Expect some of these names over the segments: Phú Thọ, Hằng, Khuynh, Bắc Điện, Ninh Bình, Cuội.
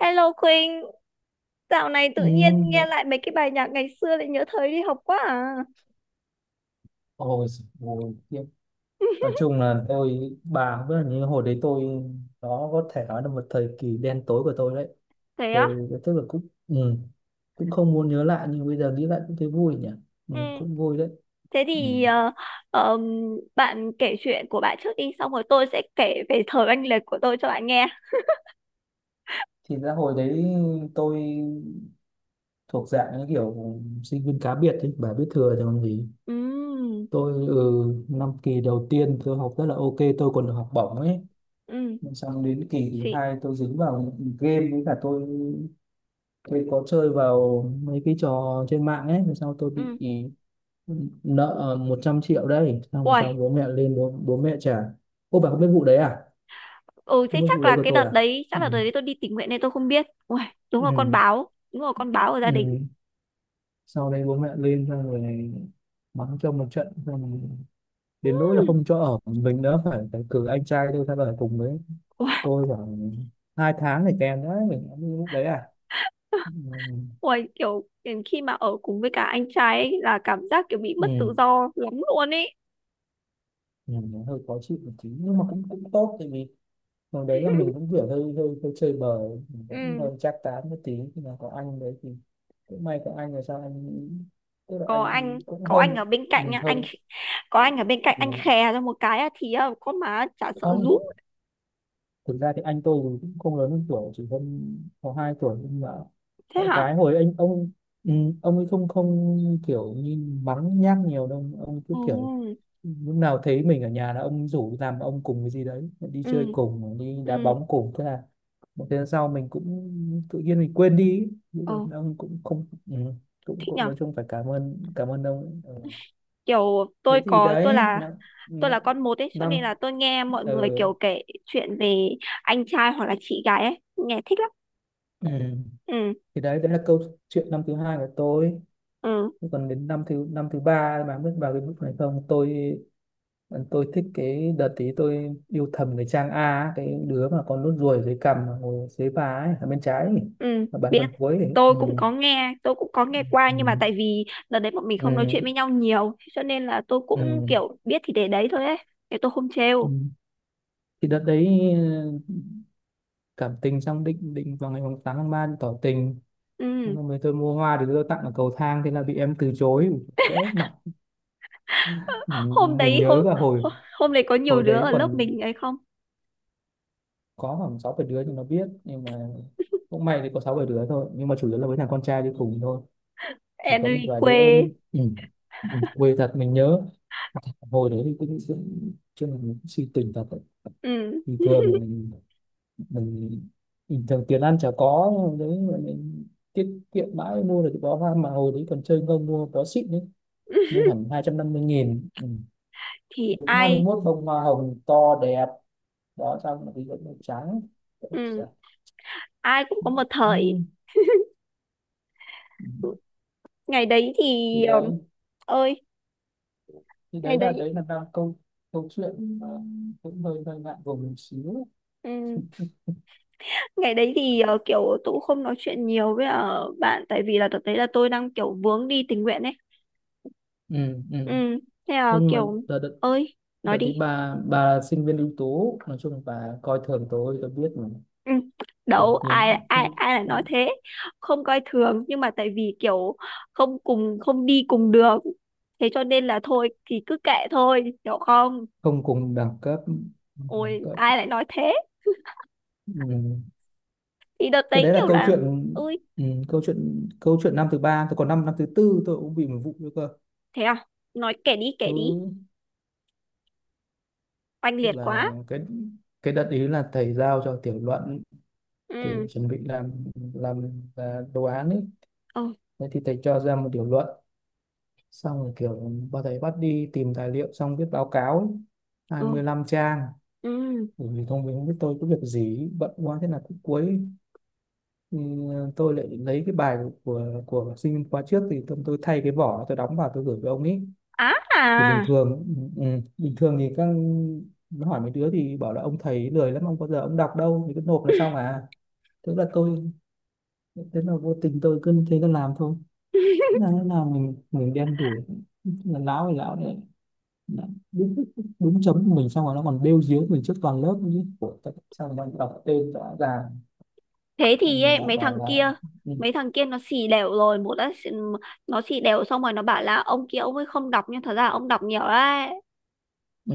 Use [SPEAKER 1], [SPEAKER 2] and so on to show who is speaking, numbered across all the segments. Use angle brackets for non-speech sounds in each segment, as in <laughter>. [SPEAKER 1] Hello Khuynh, dạo này
[SPEAKER 2] Ừ,
[SPEAKER 1] tự nhiên nghe
[SPEAKER 2] vậy.
[SPEAKER 1] lại mấy cái bài nhạc ngày xưa lại nhớ thời đi học quá à.
[SPEAKER 2] Ôi, giời ôi, khiếp. Nói
[SPEAKER 1] <laughs>
[SPEAKER 2] chung là tôi bà cũng biết là như hồi đấy, tôi đó có thể nói là một thời kỳ đen tối của tôi đấy.
[SPEAKER 1] Thế á?
[SPEAKER 2] Tôi tức là cũng, cũng không muốn nhớ lại nhưng bây giờ nghĩ lại cũng thấy vui nhỉ. Ừ,
[SPEAKER 1] Ừ.
[SPEAKER 2] cũng vui đấy.
[SPEAKER 1] Thế
[SPEAKER 2] Ừ.
[SPEAKER 1] thì ờm, bạn kể chuyện của bạn trước đi, xong rồi tôi sẽ kể về thời oanh liệt của tôi cho bạn nghe.
[SPEAKER 2] Thì ra hồi đấy tôi thuộc dạng như kiểu sinh viên cá biệt ấy, bà biết thừa rồi còn gì.
[SPEAKER 1] Ừ,
[SPEAKER 2] Tôi, năm kỳ đầu tiên tôi học rất là ok, tôi còn được học bổng ấy.
[SPEAKER 1] ừ,
[SPEAKER 2] Xong đến kỳ thứ
[SPEAKER 1] xị,
[SPEAKER 2] hai tôi dính vào game với cả tôi có chơi vào mấy cái trò trên mạng ấy mà sao tôi bị
[SPEAKER 1] ừ.
[SPEAKER 2] nợ 100 triệu đấy. Xong rồi
[SPEAKER 1] Uầy,
[SPEAKER 2] sau bố mẹ lên, bố mẹ trả. Ô bà không biết vụ đấy à?
[SPEAKER 1] ừ, thế
[SPEAKER 2] Không biết vụ đấy của tôi à?
[SPEAKER 1] chắc
[SPEAKER 2] Ừ.
[SPEAKER 1] là đợt đấy tôi đi tình nguyện nên tôi không biết. Uầy, đúng là con
[SPEAKER 2] Ừ.
[SPEAKER 1] báo, đúng là con báo ở gia
[SPEAKER 2] Ừ.
[SPEAKER 1] đình.
[SPEAKER 2] Sau đấy bố mẹ lên xong rồi mắng cho một trận, xong rồi đến nỗi là
[SPEAKER 1] Ừm.
[SPEAKER 2] không cho ở mình nữa, phải phải cử anh trai tôi ra ở cùng với
[SPEAKER 1] Uầy,
[SPEAKER 2] tôi khoảng 2 tháng này kèm đấy, mình cũng như lúc đấy à. Ừ.
[SPEAKER 1] uầy, kiểu khi mà ở cùng với cả anh trai ấy là cảm giác kiểu bị
[SPEAKER 2] Ừ.
[SPEAKER 1] mất tự do lắm luôn ấy.
[SPEAKER 2] Ừ. Nó hơi khó chịu một tí nhưng mà cũng cũng tốt tại vì còn đấy là mình
[SPEAKER 1] <laughs>
[SPEAKER 2] cũng kiểu hơi hơi hơi chơi bời, mình vẫn
[SPEAKER 1] Ừ.
[SPEAKER 2] hơi chắc tán một tí nhưng mà có anh đấy thì cũng may có anh. Là sao anh, tức là anh cũng
[SPEAKER 1] Có anh
[SPEAKER 2] hơn,
[SPEAKER 1] ở bên cạnh nha anh
[SPEAKER 2] hơn.
[SPEAKER 1] có anh ở bên cạnh anh
[SPEAKER 2] Ừ.
[SPEAKER 1] khè ra một cái á, thì con má chả sợ
[SPEAKER 2] Không,
[SPEAKER 1] rúm.
[SPEAKER 2] thực ra thì anh tôi thì cũng không lớn hơn tuổi, chỉ hơn có 2 tuổi nhưng mà
[SPEAKER 1] Thế
[SPEAKER 2] đại
[SPEAKER 1] hả?
[SPEAKER 2] khái hồi anh ông, ừ, ông ấy không không kiểu như mắng nhác nhiều đâu, ông cứ kiểu
[SPEAKER 1] Ừ,
[SPEAKER 2] lúc nào thấy mình ở nhà là ông rủ làm ông cùng cái gì đấy, đi chơi
[SPEAKER 1] ừ,
[SPEAKER 2] cùng, đi đá
[SPEAKER 1] ừ,
[SPEAKER 2] bóng cùng, thế là một thời gian sau mình cũng tự nhiên mình quên đi ý. Nhưng
[SPEAKER 1] ừ,
[SPEAKER 2] mà ông cũng không, cũng
[SPEAKER 1] thích
[SPEAKER 2] cũng
[SPEAKER 1] nhở.
[SPEAKER 2] nói chung phải cảm ơn ông ấy. Ừ.
[SPEAKER 1] Kiểu
[SPEAKER 2] Thế thì
[SPEAKER 1] tôi
[SPEAKER 2] đấy
[SPEAKER 1] là
[SPEAKER 2] năm n-
[SPEAKER 1] tôi là con một ấy cho
[SPEAKER 2] năm,
[SPEAKER 1] nên là tôi nghe mọi
[SPEAKER 2] ờ,
[SPEAKER 1] người kiểu kể chuyện về anh trai hoặc là chị gái ấy nghe thích lắm.
[SPEAKER 2] ừ.
[SPEAKER 1] Ừ,
[SPEAKER 2] Thì đấy đấy là câu chuyện năm thứ hai của tôi.
[SPEAKER 1] ừ,
[SPEAKER 2] Thế còn đến năm thứ năm, thứ ba mà biết vào cái mức này không tôi. Vâng, tôi thích cái đợt tí tôi yêu thầm cái Trang A á, cái đứa mà con nốt ruồi dưới cằm mà ngồi dưới vai ấy, ở bên trái ấy,
[SPEAKER 1] ừ,
[SPEAKER 2] ở bàn
[SPEAKER 1] biết.
[SPEAKER 2] gần cuối ấy. Ừ.
[SPEAKER 1] Tôi cũng có nghe qua,
[SPEAKER 2] Ừ.
[SPEAKER 1] nhưng mà tại vì đợt đấy bọn mình không nói
[SPEAKER 2] Ừ.
[SPEAKER 1] chuyện với nhau nhiều cho nên là tôi cũng
[SPEAKER 2] Ừ.
[SPEAKER 1] kiểu biết thì để đấy thôi ấy, để tôi không
[SPEAKER 2] Ừ.
[SPEAKER 1] trêu.
[SPEAKER 2] Thì đợt đấy, ừ, cảm tình xong định định vào ngày mùng 8 tháng 3 tỏ tình.
[SPEAKER 1] Ừ.
[SPEAKER 2] Xong rồi tôi mua hoa để tôi tặng ở cầu thang, thế là bị em từ chối. Ủa, bẽ mặt.
[SPEAKER 1] Hôm
[SPEAKER 2] Mình
[SPEAKER 1] đấy, hôm
[SPEAKER 2] nhớ cả
[SPEAKER 1] hôm
[SPEAKER 2] hồi,
[SPEAKER 1] hôm đấy có nhiều
[SPEAKER 2] hồi
[SPEAKER 1] đứa
[SPEAKER 2] đấy
[SPEAKER 1] ở lớp
[SPEAKER 2] còn
[SPEAKER 1] mình ấy không?
[SPEAKER 2] có khoảng 6, 7 đứa nhưng nó biết nhưng mà cũng may thì có 6, 7 đứa thôi, nhưng mà chủ yếu là với thằng con trai đi cùng thôi, chỉ có một
[SPEAKER 1] Enrique?
[SPEAKER 2] vài đứa nhưng, quê thật. Mình nhớ hồi đấy thì cũng cũng chứ là mình cũng suy tình thật đấy.
[SPEAKER 1] Ừ.
[SPEAKER 2] Thì thường mình bình thường tiền ăn chả có nhưng mà đấy, mà mình tiết kiệm mãi mua được cái bó hoa, mà hồi đấy còn chơi không mua bó xịn đấy, mua
[SPEAKER 1] <laughs>
[SPEAKER 2] hẳn 250.000. Ừ.
[SPEAKER 1] Thì
[SPEAKER 2] Đúng hai mươi
[SPEAKER 1] ai?
[SPEAKER 2] mốt bông hoa hồng to đẹp đó, xong thì vẫn màu trắng. Ôi
[SPEAKER 1] Ừ.
[SPEAKER 2] giời.
[SPEAKER 1] Ai cũng có một
[SPEAKER 2] Ừ.
[SPEAKER 1] thời. Ngày đấy
[SPEAKER 2] thì
[SPEAKER 1] thì
[SPEAKER 2] đấy
[SPEAKER 1] ơi,
[SPEAKER 2] thì
[SPEAKER 1] ngày
[SPEAKER 2] đấy là
[SPEAKER 1] đấy,
[SPEAKER 2] đấy là đang câu câu chuyện mà cũng hơi hơi ngại ngùng một xíu.
[SPEAKER 1] ừ. Ngày đấy thì kiểu tôi cũng không nói chuyện nhiều với bạn, tại vì là thực tế là tôi đang kiểu vướng đi tình nguyện ấy.
[SPEAKER 2] Ừ.
[SPEAKER 1] Ừ.
[SPEAKER 2] Ừ.
[SPEAKER 1] Thế là
[SPEAKER 2] Không mà
[SPEAKER 1] kiểu,
[SPEAKER 2] đợt, đợt,
[SPEAKER 1] ơi, nói
[SPEAKER 2] đợt
[SPEAKER 1] đi.
[SPEAKER 2] đấy bà là sinh viên ưu tú, nói chung là bà coi thường tôi biết mà.
[SPEAKER 1] Ừ. Đâu,
[SPEAKER 2] Kiểu
[SPEAKER 1] ai
[SPEAKER 2] nhìn,
[SPEAKER 1] ai
[SPEAKER 2] không
[SPEAKER 1] ai lại nói thế? Không coi thường, nhưng mà tại vì kiểu không đi cùng đường, thế cho nên là thôi thì cứ kệ thôi, hiểu không?
[SPEAKER 2] không cùng đẳng cấp, đẳng
[SPEAKER 1] Ôi,
[SPEAKER 2] cấp
[SPEAKER 1] ai lại nói thế.
[SPEAKER 2] Ừ.
[SPEAKER 1] Thì đợt
[SPEAKER 2] Cái
[SPEAKER 1] đấy
[SPEAKER 2] đấy là
[SPEAKER 1] kiểu
[SPEAKER 2] câu
[SPEAKER 1] là,
[SPEAKER 2] chuyện,
[SPEAKER 1] ui,
[SPEAKER 2] câu chuyện năm thứ ba tôi, còn năm năm thứ tư tôi cũng bị một vụ nữa cơ.
[SPEAKER 1] thế à? Kể đi,
[SPEAKER 2] ừ,
[SPEAKER 1] kể đi, oanh
[SPEAKER 2] Tức
[SPEAKER 1] liệt
[SPEAKER 2] là
[SPEAKER 1] quá.
[SPEAKER 2] cái đợt ý là thầy giao cho tiểu luận để
[SPEAKER 1] Ừ,
[SPEAKER 2] chuẩn bị làm, à, đồ án ấy.
[SPEAKER 1] ừ,
[SPEAKER 2] Thế thì thầy cho ra một tiểu luận xong rồi kiểu bà, thầy bắt đi tìm tài liệu xong viết báo cáo ấy,
[SPEAKER 1] ừ,
[SPEAKER 2] 25 trang,
[SPEAKER 1] ừ,
[SPEAKER 2] bởi vì thông minh biết tôi có việc gì bận quá thế là cũng cuối, ừ, tôi lại lấy cái bài của sinh khóa trước, thì tôi thay cái vỏ, tôi đóng vào tôi gửi với ông ấy.
[SPEAKER 1] á à.
[SPEAKER 2] Thì bình thường, bình thường thì các, nó hỏi mấy đứa thì bảo là ông thầy lười lắm, ông bao giờ ông đọc đâu thì cứ nộp là xong à. Tức là tôi, thế là vô tình tôi cứ thế tôi làm thôi. Thế
[SPEAKER 1] <laughs>
[SPEAKER 2] là nó là mình đen đủi là lão, thì lão đấy. Đã, đúng, đúng chấm của mình xong rồi nó còn bêu díu mình trước toàn lớp nữa chứ. Ủa, tại sao mà đọc tên rõ ràng.
[SPEAKER 1] Thế thì
[SPEAKER 2] Xong lại
[SPEAKER 1] ấy,
[SPEAKER 2] bạn
[SPEAKER 1] mấy thằng
[SPEAKER 2] bảo là,
[SPEAKER 1] kia
[SPEAKER 2] ừ,
[SPEAKER 1] mấy thằng kia nó xì đều rồi, nó xì đều xong rồi nó bảo là ông kia ông ấy không đọc nhưng thật ra ông đọc nhiều đấy.
[SPEAKER 2] ừ,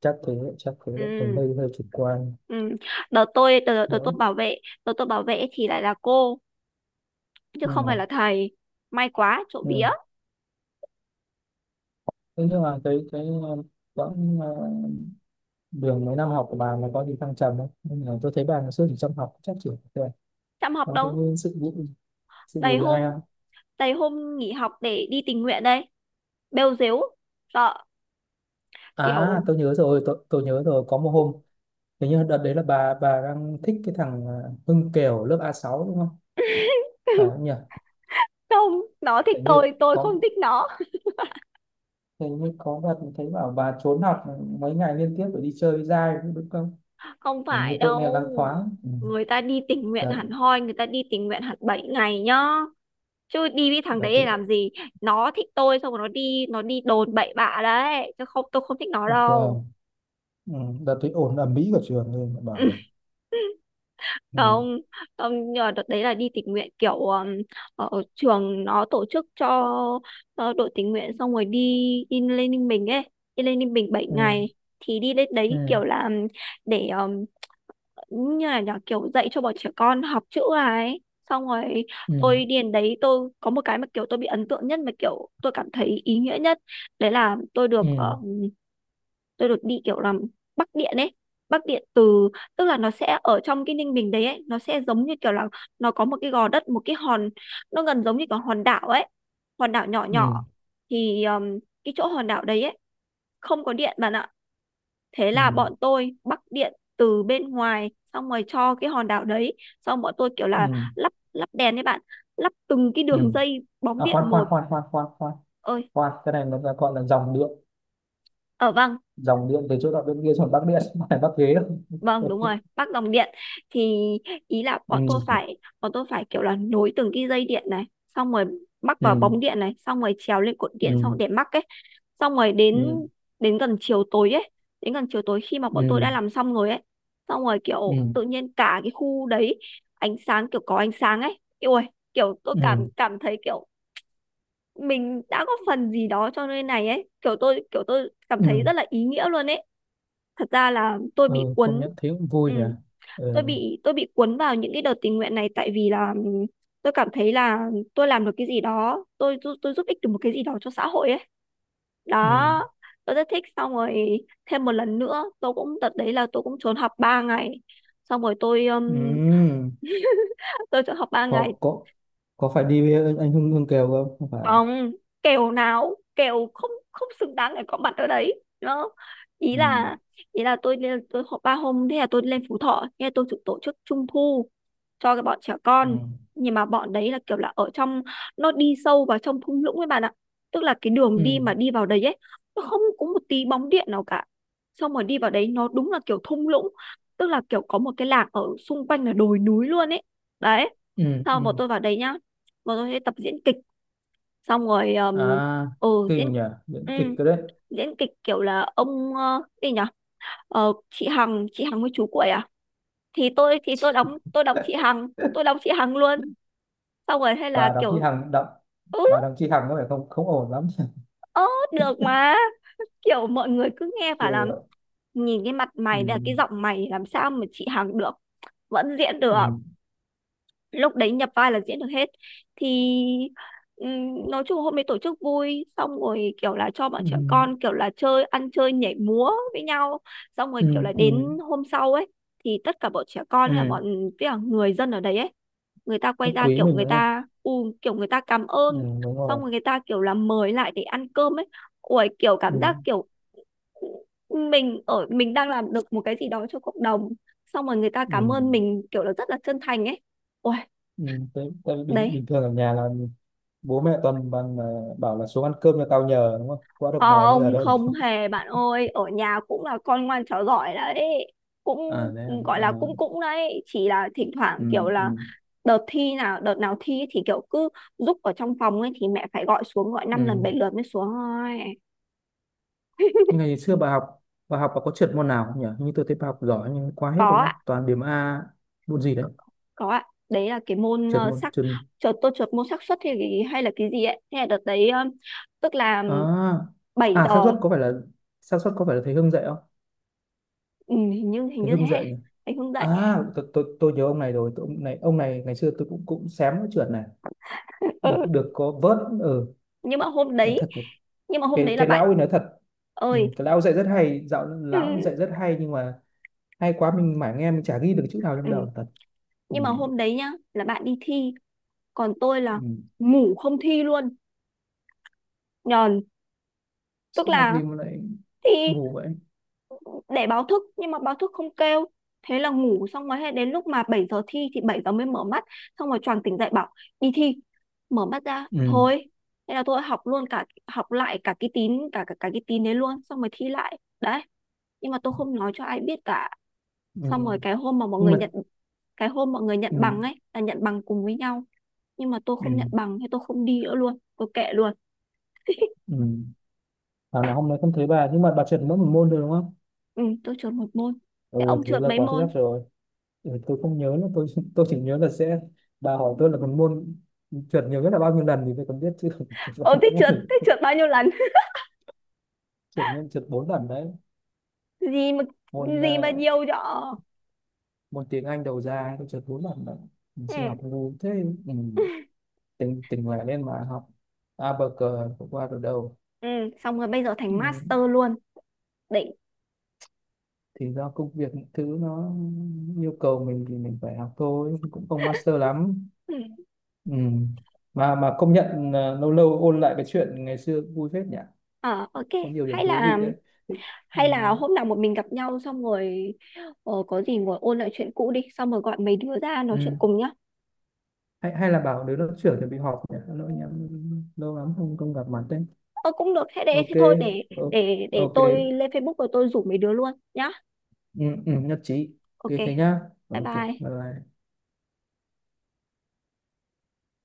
[SPEAKER 2] chắc thế chắc thế. Mình
[SPEAKER 1] Ừ,
[SPEAKER 2] hơi hơi chủ quan
[SPEAKER 1] ừ. đợt tôi đợt, đợt tôi
[SPEAKER 2] đấy.
[SPEAKER 1] bảo vệ Đợt tôi bảo vệ thì lại là cô chứ
[SPEAKER 2] Ừ.
[SPEAKER 1] không phải là thầy, may quá trộm vía.
[SPEAKER 2] Ừ. Thế nhưng mà cái, quãng, đường mấy năm học của bà nó có gì thăng trầm không, nhưng mà tôi thấy bà ngày xưa chỉ chăm học chắc chỉ rồi,
[SPEAKER 1] Chăm học
[SPEAKER 2] nó
[SPEAKER 1] đâu,
[SPEAKER 2] cũng sự vụ
[SPEAKER 1] đầy
[SPEAKER 2] gì hay
[SPEAKER 1] hôm,
[SPEAKER 2] không.
[SPEAKER 1] đầy hôm nghỉ học để đi tình nguyện đây. Bêu dếu, sợ,
[SPEAKER 2] À,
[SPEAKER 1] kiểu.
[SPEAKER 2] tôi nhớ rồi, có một hôm hình như đợt đấy là bà đang thích cái thằng, Hưng Kiều lớp A6 đúng không? Phải không
[SPEAKER 1] <laughs>
[SPEAKER 2] nhỉ?
[SPEAKER 1] Không, nó thích
[SPEAKER 2] hình như
[SPEAKER 1] tôi
[SPEAKER 2] có
[SPEAKER 1] không thích nó.
[SPEAKER 2] hình như có đợt thấy bảo bà trốn học mấy ngày liên tiếp để đi chơi với giai đúng không?
[SPEAKER 1] Không
[SPEAKER 2] Hình như
[SPEAKER 1] phải
[SPEAKER 2] tôi nghe
[SPEAKER 1] đâu,
[SPEAKER 2] loáng thoáng. Ừ.
[SPEAKER 1] người ta đi tình nguyện
[SPEAKER 2] Đợt,
[SPEAKER 1] hẳn hoi, người ta đi tình nguyện hẳn 7 ngày nhá, chứ đi với thằng
[SPEAKER 2] đợt
[SPEAKER 1] đấy để
[SPEAKER 2] thì
[SPEAKER 1] làm gì. Nó thích tôi xong rồi nó đi, nó đi đồn bậy bạ đấy chứ không, tôi không thích nó
[SPEAKER 2] đợt, ờ,
[SPEAKER 1] đâu.
[SPEAKER 2] ừ, đợt thì ồn ầm ĩ cả trường lên mà bảo này.
[SPEAKER 1] <laughs>
[SPEAKER 2] Ừ.
[SPEAKER 1] Không, không, nhờ đợt đấy là đi tình nguyện kiểu ở trường nó tổ chức cho đội tình nguyện, xong rồi đi đi lên Ninh Bình ấy, đi lên Ninh Bình bảy
[SPEAKER 2] Ừ.
[SPEAKER 1] ngày Thì đi lên
[SPEAKER 2] Ừ.
[SPEAKER 1] đấy kiểu là để như là nhỏ kiểu dạy cho bọn trẻ con học chữ à ấy, xong rồi
[SPEAKER 2] Ừ.
[SPEAKER 1] tôi đi đến đấy, tôi có một cái mà kiểu tôi bị ấn tượng nhất mà kiểu tôi cảm thấy ý nghĩa nhất. Đấy là tôi được,
[SPEAKER 2] Ừ.
[SPEAKER 1] tôi được đi kiểu làm Bắc Điện ấy, Bắc Điện từ, tức là nó sẽ ở trong cái Ninh Bình đấy ấy, nó sẽ giống như kiểu là nó có một cái gò đất, một cái hòn, nó gần giống như cái hòn đảo ấy, hòn đảo nhỏ
[SPEAKER 2] Ừ.
[SPEAKER 1] nhỏ. Thì cái chỗ hòn đảo đấy ấy không có điện bạn ạ. Thế
[SPEAKER 2] Ừ.
[SPEAKER 1] là bọn tôi Bắc Điện từ bên ngoài xong rồi cho cái hòn đảo đấy. Xong bọn tôi kiểu
[SPEAKER 2] Ừ.
[SPEAKER 1] là lắp lắp đèn đấy bạn, lắp từng cái
[SPEAKER 2] Ừ.
[SPEAKER 1] đường dây bóng
[SPEAKER 2] À,
[SPEAKER 1] điện
[SPEAKER 2] khoan khoan
[SPEAKER 1] một.
[SPEAKER 2] khoan khoan khoan khoan
[SPEAKER 1] Ơi,
[SPEAKER 2] khoan, cái này nó gọi là dòng điện.
[SPEAKER 1] ở, vâng,
[SPEAKER 2] Dòng điện từ chỗ đó bên kia xuống bắc điện, <laughs> không phải bắc ghế đâu.
[SPEAKER 1] vâng, đúng rồi, Bắc Dòng Điện. Thì ý là
[SPEAKER 2] Ừ.
[SPEAKER 1] bọn tôi phải kiểu là nối từng cái dây điện này, xong rồi mắc vào
[SPEAKER 2] Ừ.
[SPEAKER 1] bóng điện này, xong rồi trèo lên cột điện xong
[SPEAKER 2] Ừ.
[SPEAKER 1] để mắc ấy. Xong rồi đến
[SPEAKER 2] Ừ.
[SPEAKER 1] đến gần chiều tối ấy, đến gần chiều tối khi mà bọn tôi
[SPEAKER 2] Ừ.
[SPEAKER 1] đã làm xong rồi ấy, xong rồi kiểu
[SPEAKER 2] Ừ.
[SPEAKER 1] tự nhiên cả cái khu đấy ánh sáng, kiểu có ánh sáng ấy. Ui, kiểu tôi
[SPEAKER 2] Ừ.
[SPEAKER 1] cảm cảm thấy kiểu mình đã góp phần gì đó cho nơi này ấy, kiểu tôi cảm thấy
[SPEAKER 2] ừ,
[SPEAKER 1] rất là ý nghĩa luôn ấy. Thật ra là tôi bị
[SPEAKER 2] ừ, công
[SPEAKER 1] cuốn,
[SPEAKER 2] nhận thấy cũng vui
[SPEAKER 1] ừ,
[SPEAKER 2] nhỉ. Ừ.
[SPEAKER 1] tôi bị cuốn vào những cái đợt tình nguyện này tại vì là tôi cảm thấy là tôi làm được cái gì đó, tôi giúp ích được một cái gì đó cho xã hội ấy,
[SPEAKER 2] Ừ.
[SPEAKER 1] đó, tôi rất thích. Xong rồi thêm một lần nữa tôi cũng, đợt đấy là tôi cũng trốn học 3 ngày, xong rồi
[SPEAKER 2] Ừ.
[SPEAKER 1] tôi trốn học 3 ngày.
[SPEAKER 2] Có, có phải đi với anh Hưng Hưng Kiều không? Không phải à?
[SPEAKER 1] Không, kèo nào, kèo không, không xứng đáng để có mặt ở đấy đó. Ý
[SPEAKER 2] Ừ.
[SPEAKER 1] là, tôi họp 3 hôm, thế là tôi lên Phú Thọ, thế là tôi chụp tổ chức trung thu cho cái bọn trẻ
[SPEAKER 2] Ừ.
[SPEAKER 1] con. Nhưng mà bọn đấy là kiểu là ở trong, nó đi sâu vào trong thung lũng ấy bạn ạ. Tức là cái đường
[SPEAKER 2] Ừ.
[SPEAKER 1] đi mà đi vào đấy ấy nó không có một tí bóng điện nào cả. Xong rồi đi vào đấy nó đúng là kiểu thung lũng, tức là kiểu có một cái làng ở xung quanh là đồi núi luôn ấy. Đấy.
[SPEAKER 2] Ừ.
[SPEAKER 1] Sau bọn
[SPEAKER 2] Ừ.
[SPEAKER 1] tôi vào đấy nhá, bọn tôi sẽ tập diễn kịch, xong rồi
[SPEAKER 2] À
[SPEAKER 1] ừ, diễn,
[SPEAKER 2] kinh nhỉ, những
[SPEAKER 1] ừ,
[SPEAKER 2] kịch cái đấy.
[SPEAKER 1] diễn kịch kiểu là ông, gì nhỉ, chị Hằng, chị Hằng với chú Cuội à. Thì tôi đóng, tôi đóng chị Hằng, tôi
[SPEAKER 2] <laughs>
[SPEAKER 1] đóng chị Hằng luôn. Xong rồi hay là
[SPEAKER 2] Bà Đặng Chí
[SPEAKER 1] kiểu,
[SPEAKER 2] Hằng đậm,
[SPEAKER 1] ừ,
[SPEAKER 2] bà Đặng Chí Hằng có vẻ không không ổn lắm. <laughs>
[SPEAKER 1] ớ, được mà. <laughs> Kiểu mọi người cứ nghe bảo là
[SPEAKER 2] Ừ.
[SPEAKER 1] nhìn cái mặt mày, là cái giọng mày làm sao mà chị Hằng được. Vẫn diễn được,
[SPEAKER 2] Ừ.
[SPEAKER 1] lúc đấy nhập vai là diễn được hết. Thì nói chung hôm ấy tổ chức vui, xong rồi kiểu là cho bọn
[SPEAKER 2] Ừ.
[SPEAKER 1] trẻ con kiểu là chơi, ăn chơi nhảy múa với nhau, xong rồi
[SPEAKER 2] Ừ.
[SPEAKER 1] kiểu là
[SPEAKER 2] Ừ. Ừ.
[SPEAKER 1] đến hôm sau ấy thì tất cả bọn trẻ con
[SPEAKER 2] Ừ.
[SPEAKER 1] với cả người dân ở đấy ấy, người ta
[SPEAKER 2] Rất
[SPEAKER 1] quay ra
[SPEAKER 2] quý
[SPEAKER 1] kiểu
[SPEAKER 2] mình
[SPEAKER 1] người
[SPEAKER 2] đúng không?
[SPEAKER 1] ta u, kiểu người ta cảm
[SPEAKER 2] Ừ,
[SPEAKER 1] ơn,
[SPEAKER 2] đúng
[SPEAKER 1] xong
[SPEAKER 2] rồi.
[SPEAKER 1] rồi người ta kiểu là mời lại để ăn cơm ấy. Ui, kiểu
[SPEAKER 2] Ừ.
[SPEAKER 1] cảm giác kiểu mình ở, mình đang làm được một cái gì đó cho cộng đồng, xong rồi người ta
[SPEAKER 2] Ừ.
[SPEAKER 1] cảm ơn mình kiểu là rất là chân thành ấy. Ui,
[SPEAKER 2] Ừ, tại vì bình,
[SPEAKER 1] đấy.
[SPEAKER 2] bình thường ở nhà là bố mẹ toàn bằng, bảo là xuống ăn cơm cho tao nhờ đúng không? Quá
[SPEAKER 1] Ờ,
[SPEAKER 2] được mời bây giờ
[SPEAKER 1] ông
[SPEAKER 2] đâu đúng
[SPEAKER 1] không
[SPEAKER 2] không?
[SPEAKER 1] hề bạn ơi, ở nhà cũng là con ngoan trò giỏi đấy, cũng,
[SPEAKER 2] À đấy
[SPEAKER 1] ừ,
[SPEAKER 2] à.
[SPEAKER 1] gọi
[SPEAKER 2] À.
[SPEAKER 1] là cũng, đấy, chỉ là thỉnh thoảng
[SPEAKER 2] Ừ,
[SPEAKER 1] kiểu
[SPEAKER 2] ừ,
[SPEAKER 1] là đợt thi nào, đợt nào thi ấy thì kiểu cứ giúp ở trong phòng ấy thì mẹ phải gọi xuống, gọi năm lần
[SPEAKER 2] ừ.
[SPEAKER 1] bảy lượt mới xuống thôi.
[SPEAKER 2] Nhưng ngày xưa bà học, bà có trượt môn nào không nhỉ? Hình như tôi thấy bà học giỏi nhưng quá hết
[SPEAKER 1] Có
[SPEAKER 2] đúng
[SPEAKER 1] ạ,
[SPEAKER 2] không? Toàn điểm A. Môn gì
[SPEAKER 1] có
[SPEAKER 2] đấy?
[SPEAKER 1] có ạ. Đấy là cái môn
[SPEAKER 2] Trượt
[SPEAKER 1] ờ,
[SPEAKER 2] môn
[SPEAKER 1] xác
[SPEAKER 2] trượt
[SPEAKER 1] tôi trượt môn xác suất hay hay là cái gì ấy, thế là đợt đấy tức là
[SPEAKER 2] à?
[SPEAKER 1] bảy
[SPEAKER 2] À, xác
[SPEAKER 1] giờ
[SPEAKER 2] suất có phải là, thầy Hưng dạy không?
[SPEAKER 1] Ừ, hình
[SPEAKER 2] Thầy
[SPEAKER 1] như
[SPEAKER 2] Hưng
[SPEAKER 1] thế.
[SPEAKER 2] dạy nhỉ?
[SPEAKER 1] Anh không dậy.
[SPEAKER 2] À tôi nhớ ông này rồi, tôi, ông này ngày xưa tôi cũng cũng xém cái trượt này.
[SPEAKER 1] <laughs>
[SPEAKER 2] Được
[SPEAKER 1] Ừ.
[SPEAKER 2] được có vớt. Ừ,
[SPEAKER 1] nhưng mà hôm
[SPEAKER 2] nó
[SPEAKER 1] đấy
[SPEAKER 2] thật.
[SPEAKER 1] nhưng mà hôm
[SPEAKER 2] cái
[SPEAKER 1] đấy là
[SPEAKER 2] cái lão
[SPEAKER 1] bạn
[SPEAKER 2] ấy nói thật. Ừ,
[SPEAKER 1] ơi.
[SPEAKER 2] cái lão dạy rất hay, dạo
[SPEAKER 1] Ừ,
[SPEAKER 2] lão dạy rất hay nhưng mà hay quá mình mải nghe, mình chả ghi được chữ nào trong
[SPEAKER 1] ừ.
[SPEAKER 2] đầu thật. Ừ.
[SPEAKER 1] Nhưng mà hôm đấy nhá, là bạn đi thi còn tôi là
[SPEAKER 2] Ừ.
[SPEAKER 1] ngủ không thi luôn, nhờn. Tức
[SPEAKER 2] Sao làm
[SPEAKER 1] là
[SPEAKER 2] gì mà lại
[SPEAKER 1] thi
[SPEAKER 2] ngủ vậy?
[SPEAKER 1] để báo thức nhưng mà báo thức không kêu, thế là ngủ, xong rồi hết, đến lúc mà 7 giờ thi thì 7 giờ mới mở mắt, xong rồi choàng tỉnh dậy bảo đi thi, mở mắt ra
[SPEAKER 2] Ừ.
[SPEAKER 1] thôi. Thế là tôi học luôn, cả học lại cả cái tín, cả cả, cả cái tín đấy luôn, xong rồi thi lại đấy, nhưng mà tôi không nói cho ai biết cả.
[SPEAKER 2] Ừ.
[SPEAKER 1] Xong rồi cái hôm mà mọi
[SPEAKER 2] Nhưng
[SPEAKER 1] người
[SPEAKER 2] mà,
[SPEAKER 1] nhận, cái hôm mọi người nhận
[SPEAKER 2] ừ.
[SPEAKER 1] bằng ấy là nhận bằng cùng với nhau nhưng mà tôi
[SPEAKER 2] Ừ.
[SPEAKER 1] không nhận bằng, thế tôi không đi nữa luôn, tôi kệ luôn.
[SPEAKER 2] Ừ. Thảo nào hôm nay không thấy bà, nhưng mà bà chuyển mỗi một môn thôi đúng không?
[SPEAKER 1] Ừ, tôi trượt một môn. Thế
[SPEAKER 2] Ôi
[SPEAKER 1] ông
[SPEAKER 2] thế
[SPEAKER 1] trượt
[SPEAKER 2] là
[SPEAKER 1] mấy
[SPEAKER 2] quá xuất sắc
[SPEAKER 1] môn?
[SPEAKER 2] rồi. Ừ, tôi không nhớ nữa tôi. <laughs> Tôi chỉ nhớ là sẽ, bà hỏi tôi là một môn trượt nhiều nhất là bao nhiêu lần thì tôi còn biết, chứ không trượt bao
[SPEAKER 1] Ông
[SPEAKER 2] nhiêu
[SPEAKER 1] thích
[SPEAKER 2] môn
[SPEAKER 1] trượt,
[SPEAKER 2] được.
[SPEAKER 1] thích trượt bao nhiêu lần.
[SPEAKER 2] Trượt nhiều, trượt 4 lần đấy.
[SPEAKER 1] <laughs> Gì mà,
[SPEAKER 2] Môn,
[SPEAKER 1] nhiều cho.
[SPEAKER 2] môn tiếng Anh đầu ra, tôi chợt muốn bạn mình
[SPEAKER 1] Ừ,
[SPEAKER 2] xin học ngu thế. Ừ. tình tình lại lên mà học, a bờ cờ cũng qua được đầu.
[SPEAKER 1] ừ. Xong rồi bây giờ thành
[SPEAKER 2] Ừ.
[SPEAKER 1] master luôn. Đỉnh.
[SPEAKER 2] Thì do công việc, những thứ nó yêu cầu mình thì mình phải học thôi, cũng không master lắm.
[SPEAKER 1] Ừ.
[SPEAKER 2] Ừ. mà công nhận là lâu lâu ôn lại cái chuyện ngày xưa vui phết nhỉ.
[SPEAKER 1] Ờ, ok.
[SPEAKER 2] Có nhiều điểm
[SPEAKER 1] Hay
[SPEAKER 2] thú
[SPEAKER 1] là,
[SPEAKER 2] vị đấy. Thích. Ừ.
[SPEAKER 1] hôm nào một mình gặp nhau xong rồi có gì ngồi ôn lại chuyện cũ đi, xong rồi gọi mấy đứa ra nói chuyện
[SPEAKER 2] Ừ.
[SPEAKER 1] cùng nhá.
[SPEAKER 2] Hay là bảo đứa lớp trưởng chuẩn bị họp nhỉ, lỗi nhỉ, lâu lắm không không gặp mặt đấy.
[SPEAKER 1] Ờ cũng được, thế để thế
[SPEAKER 2] Ok.
[SPEAKER 1] thôi để,
[SPEAKER 2] O-
[SPEAKER 1] để
[SPEAKER 2] ok.
[SPEAKER 1] tôi lên Facebook rồi tôi rủ mấy đứa luôn nhá.
[SPEAKER 2] Ừ, ừ, nhất trí.
[SPEAKER 1] Ok,
[SPEAKER 2] Ok thế nhá.
[SPEAKER 1] bye
[SPEAKER 2] Ok
[SPEAKER 1] bye.
[SPEAKER 2] bye. Bye.